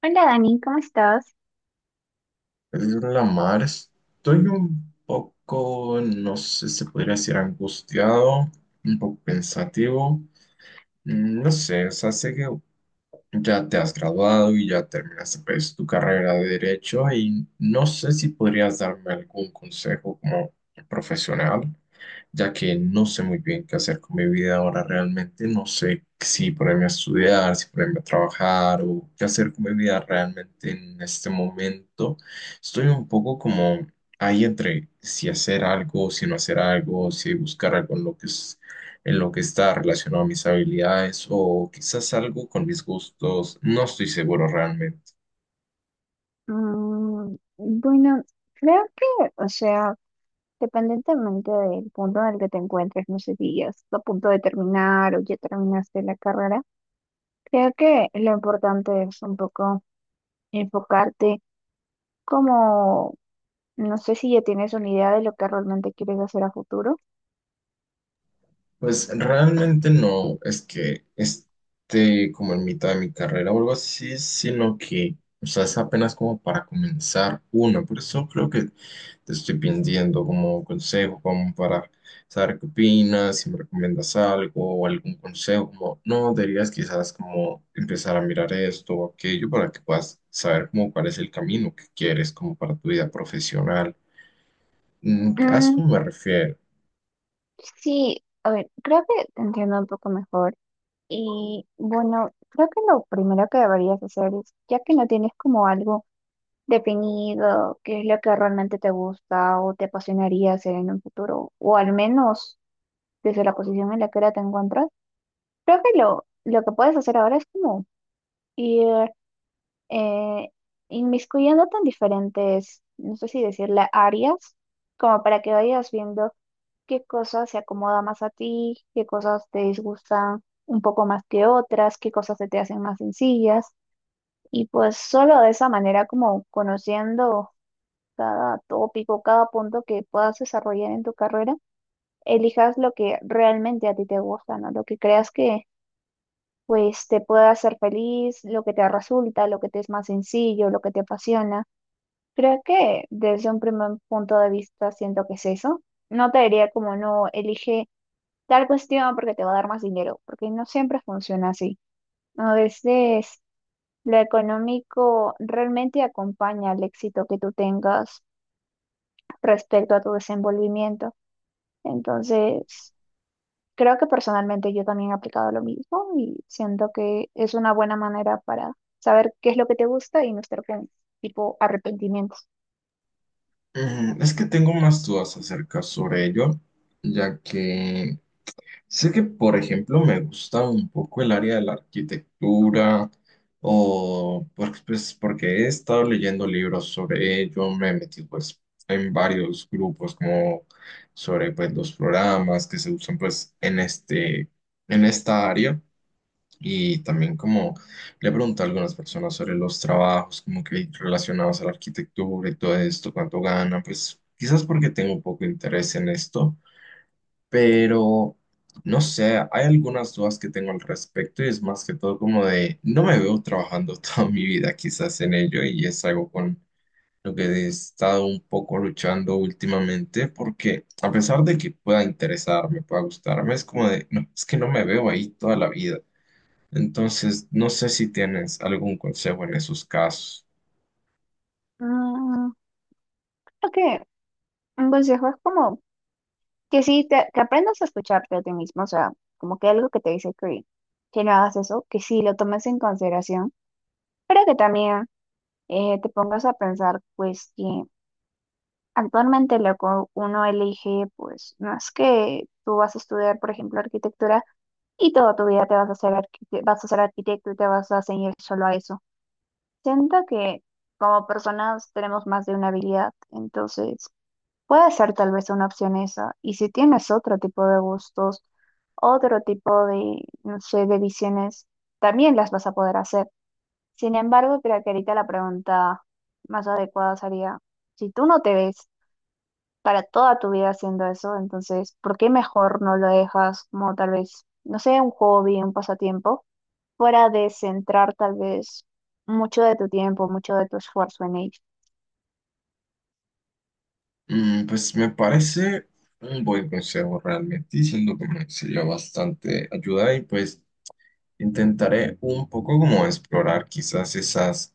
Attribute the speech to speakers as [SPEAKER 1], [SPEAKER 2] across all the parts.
[SPEAKER 1] Hola Dani, ¿cómo estás?
[SPEAKER 2] La mar, estoy un poco, no sé, se podría decir angustiado, un poco pensativo. No sé, o sea, sé que ya te has graduado y ya terminaste pues, tu carrera de derecho y no sé si podrías darme algún consejo como profesional, ya que no sé muy bien qué hacer con mi vida ahora realmente. No sé si ponerme a estudiar, si ponerme a trabajar o qué hacer con mi vida realmente en este momento. Estoy un poco como ahí entre si hacer algo, si no hacer algo, si buscar algo en lo que es, en lo que está relacionado a mis habilidades o quizás algo con mis gustos. No estoy seguro realmente.
[SPEAKER 1] Bueno, creo que, o sea, dependientemente del punto en el que te encuentres, no sé si ya estás a punto de terminar o ya terminaste la carrera, creo que lo importante es un poco enfocarte como, no sé si ya tienes una idea de lo que realmente quieres hacer a futuro.
[SPEAKER 2] Pues realmente no es que esté como en mitad de mi carrera o algo así, sino que, o sea, es apenas como para comenzar una. Por eso creo que te estoy pidiendo como consejo, como para saber qué opinas, si me recomiendas algo o algún consejo, como, no, deberías quizás como empezar a mirar esto o aquello para que puedas saber como cuál es el camino que quieres como para tu vida profesional. A
[SPEAKER 1] Mm,
[SPEAKER 2] esto me refiero.
[SPEAKER 1] sí, a ver, creo que te entiendo un poco mejor. Y bueno, creo que lo primero que deberías hacer es, ya que no tienes como algo definido, qué es lo que realmente te gusta o te apasionaría hacer en un futuro, o al menos desde la posición en la que ahora te encuentras, creo que lo que puedes hacer ahora es como ir eh, inmiscuyéndote en diferentes, no sé si decirle áreas, como para que vayas viendo qué cosas se acomoda más a ti, qué cosas te disgustan un poco más que otras, qué cosas se te hacen más sencillas. Y pues solo de esa manera, como conociendo cada tópico, cada punto que puedas desarrollar en tu carrera, elijas lo que realmente a ti te gusta, ¿no? Lo que creas que pues te pueda hacer feliz, lo que te resulta, lo que te es más sencillo, lo que te apasiona. Creo que desde un primer punto de vista siento que es eso. No te diría como no elige tal cuestión porque te va a dar más dinero, porque no siempre funciona así. A veces lo económico realmente acompaña al éxito que tú tengas respecto a tu desenvolvimiento. Entonces, creo que personalmente yo también he aplicado lo mismo y siento que es una buena manera para saber qué es lo que te gusta y no estar con tipo arrepentimientos.
[SPEAKER 2] Es que tengo más dudas acerca sobre ello, ya que sé que, por ejemplo, me gusta un poco el área de la arquitectura, pues, porque he estado leyendo libros sobre ello, me he metido pues, en varios grupos como sobre pues, los programas que se usan pues, en este, en esta área. Y también como le pregunto a algunas personas sobre los trabajos, como que relacionados a la arquitectura y todo esto, cuánto ganan, pues quizás porque tengo un poco de interés en esto, pero no sé, hay algunas dudas que tengo al respecto y es más que todo como de, no me veo trabajando toda mi vida quizás en ello y es algo con lo que he estado un poco luchando últimamente, porque a pesar de que pueda interesarme, pueda gustarme, es como de, no, es que no me veo ahí toda la vida. Entonces, no sé si tienes algún consejo en esos casos.
[SPEAKER 1] Mm, creo que un consejo es como que sí, que aprendas a escucharte a ti mismo, o sea, como que algo que te dice que no hagas eso, que sí lo tomes en consideración, pero que también te pongas a pensar, pues, que actualmente lo que uno elige, pues no es que tú vas a estudiar, por ejemplo, arquitectura y toda tu vida te vas a vas a ser arquitecto y te vas a ceñir solo a eso. Siento que como personas tenemos más de una habilidad, entonces puede ser tal vez una opción esa. Y si tienes otro tipo de gustos, otro tipo de, no sé, de visiones, también las vas a poder hacer. Sin embargo, creo que ahorita la pregunta más adecuada sería, si tú no te ves para toda tu vida haciendo eso, entonces, ¿por qué mejor no lo dejas como tal vez, no sé, un hobby, un pasatiempo, fuera de centrar tal vez mucho de tu tiempo, mucho de tu esfuerzo en ello?
[SPEAKER 2] Mm, pues me parece un buen consejo realmente, y siento que me sería bastante ayuda y pues intentaré un poco como explorar quizás esas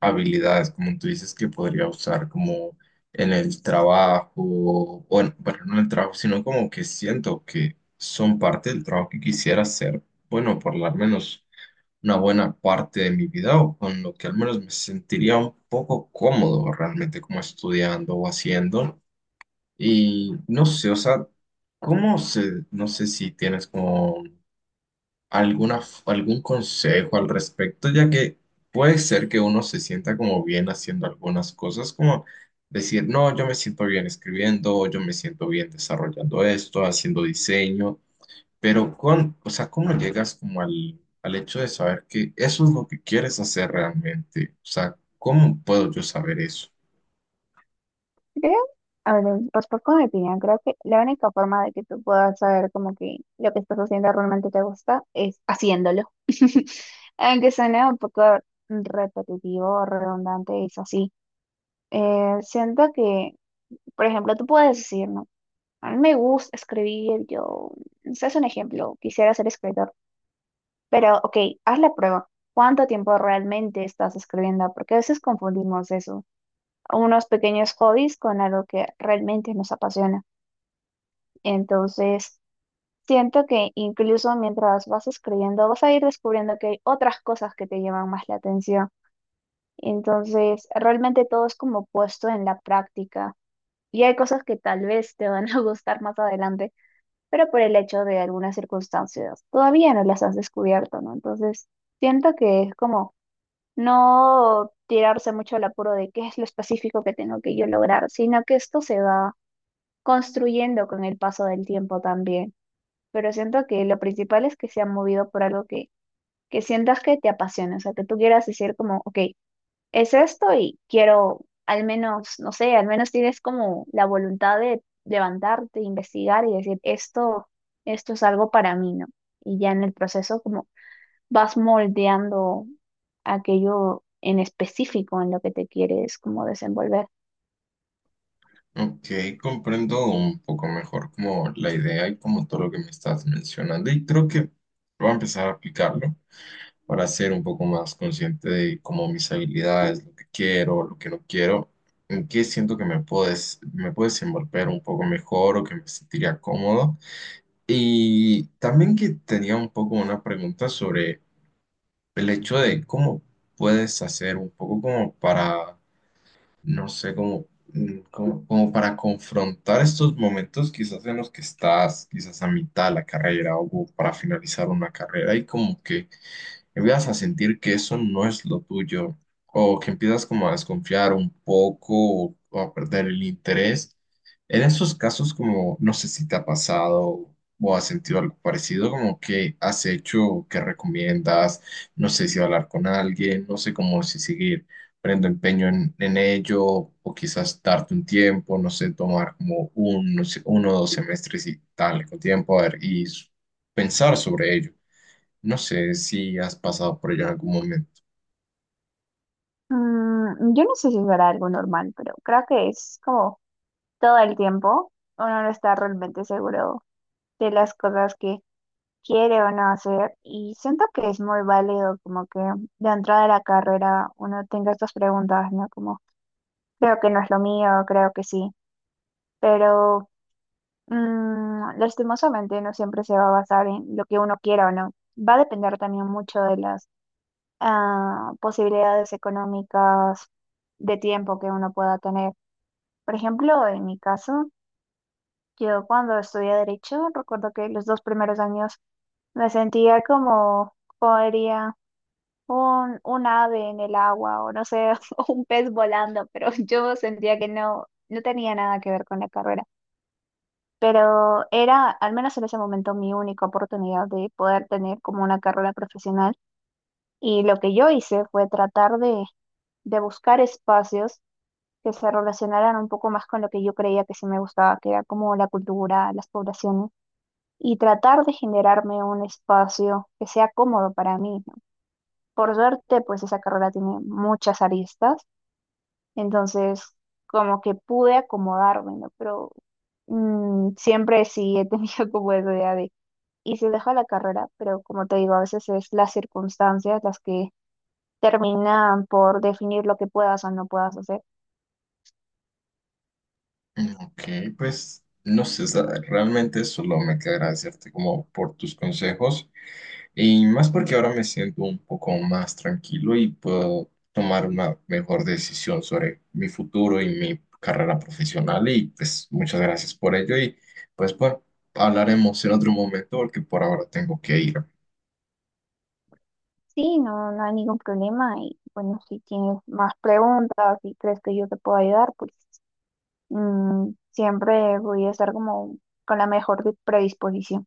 [SPEAKER 2] habilidades, como tú dices, que podría usar como en el trabajo, bueno, no en el trabajo, sino como que siento que son parte del trabajo que quisiera hacer, bueno, por lo menos una buena parte de mi vida o con lo que al menos me sentiría un poco cómodo realmente como estudiando o haciendo. Y no sé, o sea, ¿cómo se, no sé si tienes como alguna, algún consejo al respecto, ya que puede ser que uno se sienta como bien haciendo algunas cosas, como decir, no, yo me siento bien escribiendo, o yo me siento bien desarrollando esto, haciendo diseño, pero, con, o sea, ¿cómo llegas como al, al hecho de saber que eso es lo que quieres hacer realmente? O sea, ¿cómo puedo yo saber eso?
[SPEAKER 1] Creo, a ver, respecto a mi opinión, creo que la única forma de que tú puedas saber como que lo que estás haciendo realmente te gusta es haciéndolo. Aunque suene un poco repetitivo o redundante, es así. Siento que, por ejemplo, tú puedes decir, ¿no? A mí me gusta escribir, yo, ese es un ejemplo, quisiera ser escritor, pero ok, haz la prueba. ¿Cuánto tiempo realmente estás escribiendo? Porque a veces confundimos eso, unos pequeños hobbies con algo que realmente nos apasiona. Entonces, siento que incluso mientras vas escribiendo, vas a ir descubriendo que hay otras cosas que te llaman más la atención. Entonces, realmente todo es como puesto en la práctica y hay cosas que tal vez te van a gustar más adelante, pero por el hecho de algunas circunstancias todavía no las has descubierto, ¿no? Entonces, siento que es como no tirarse mucho al apuro de qué es lo específico que tengo que yo lograr, sino que esto se va construyendo con el paso del tiempo también. Pero siento que lo principal es que se ha movido por algo que sientas que te apasiona, o sea, que tú quieras decir como, ok, es esto y quiero, al menos, no sé, al menos tienes como la voluntad de levantarte, investigar y decir, esto es algo para mí, ¿no? Y ya en el proceso como vas moldeando aquello en específico en lo que te quieres como desenvolver.
[SPEAKER 2] Ok, comprendo un poco mejor como la idea y como todo lo que me estás mencionando y creo que voy a empezar a aplicarlo para ser un poco más consciente de cómo mis habilidades, lo que quiero, lo que no quiero, en qué siento que me puedes desenvolver un poco mejor o que me sentiría cómodo. Y también que tenía un poco una pregunta sobre el hecho de cómo puedes hacer un poco como para, no sé, como, como, como para confrontar estos momentos quizás en los que estás, quizás a mitad de la carrera o para finalizar una carrera y como que empiezas a sentir que eso no es lo tuyo, o que empiezas como a desconfiar un poco o a perder el interés. En esos casos, como no sé si te ha pasado o has sentido algo parecido, como que has hecho, que recomiendas, no sé si hablar con alguien, no sé cómo si seguir poniendo empeño en ello, o quizás darte un tiempo, no sé, tomar como un, no sé, uno o dos semestres y darle con tiempo a ver, pensar sobre ello. No sé si has pasado por ello en algún momento.
[SPEAKER 1] Yo no sé si será algo normal, pero creo que es como todo el tiempo uno no está realmente seguro de las cosas que quiere o no hacer. Y siento que es muy válido como que de entrada de la carrera uno tenga estas preguntas, ¿no? Como, creo que no es lo mío, creo que sí. Pero lastimosamente no siempre se va a basar en lo que uno quiera o no. Va a depender también mucho de las posibilidades económicas de tiempo que uno pueda tener. Por ejemplo, en mi caso, yo cuando estudié derecho, recuerdo que los dos primeros años me sentía como... podría un ave en el agua o no sé, o un pez volando, pero yo sentía que no tenía nada que ver con la carrera. Pero era, al menos en ese momento, mi única oportunidad de poder tener como una carrera profesional. Y lo que yo hice fue tratar de buscar espacios que se relacionaran un poco más con lo que yo creía que sí me gustaba, que era como la cultura, las poblaciones, y tratar de generarme un espacio que sea cómodo para mí. Por suerte, pues esa carrera tiene muchas aristas, entonces como que pude acomodarme, ¿no? Pero siempre sí he tenido como esa idea de, y se deja la carrera, pero como te digo, a veces es las circunstancias las que terminan por definir lo que puedas o no puedas hacer.
[SPEAKER 2] Mm, Ok, pues no sé, realmente solo me queda agradecerte como por tus consejos y más porque ahora me siento un poco más tranquilo y puedo tomar una mejor decisión sobre mi futuro y mi carrera profesional y pues muchas gracias por ello y pues bueno, hablaremos en otro momento porque por ahora tengo que ir.
[SPEAKER 1] Sí, no, no hay ningún problema y bueno, si tienes más preguntas, si crees que yo te puedo ayudar, pues siempre voy a estar como con la mejor predisposición.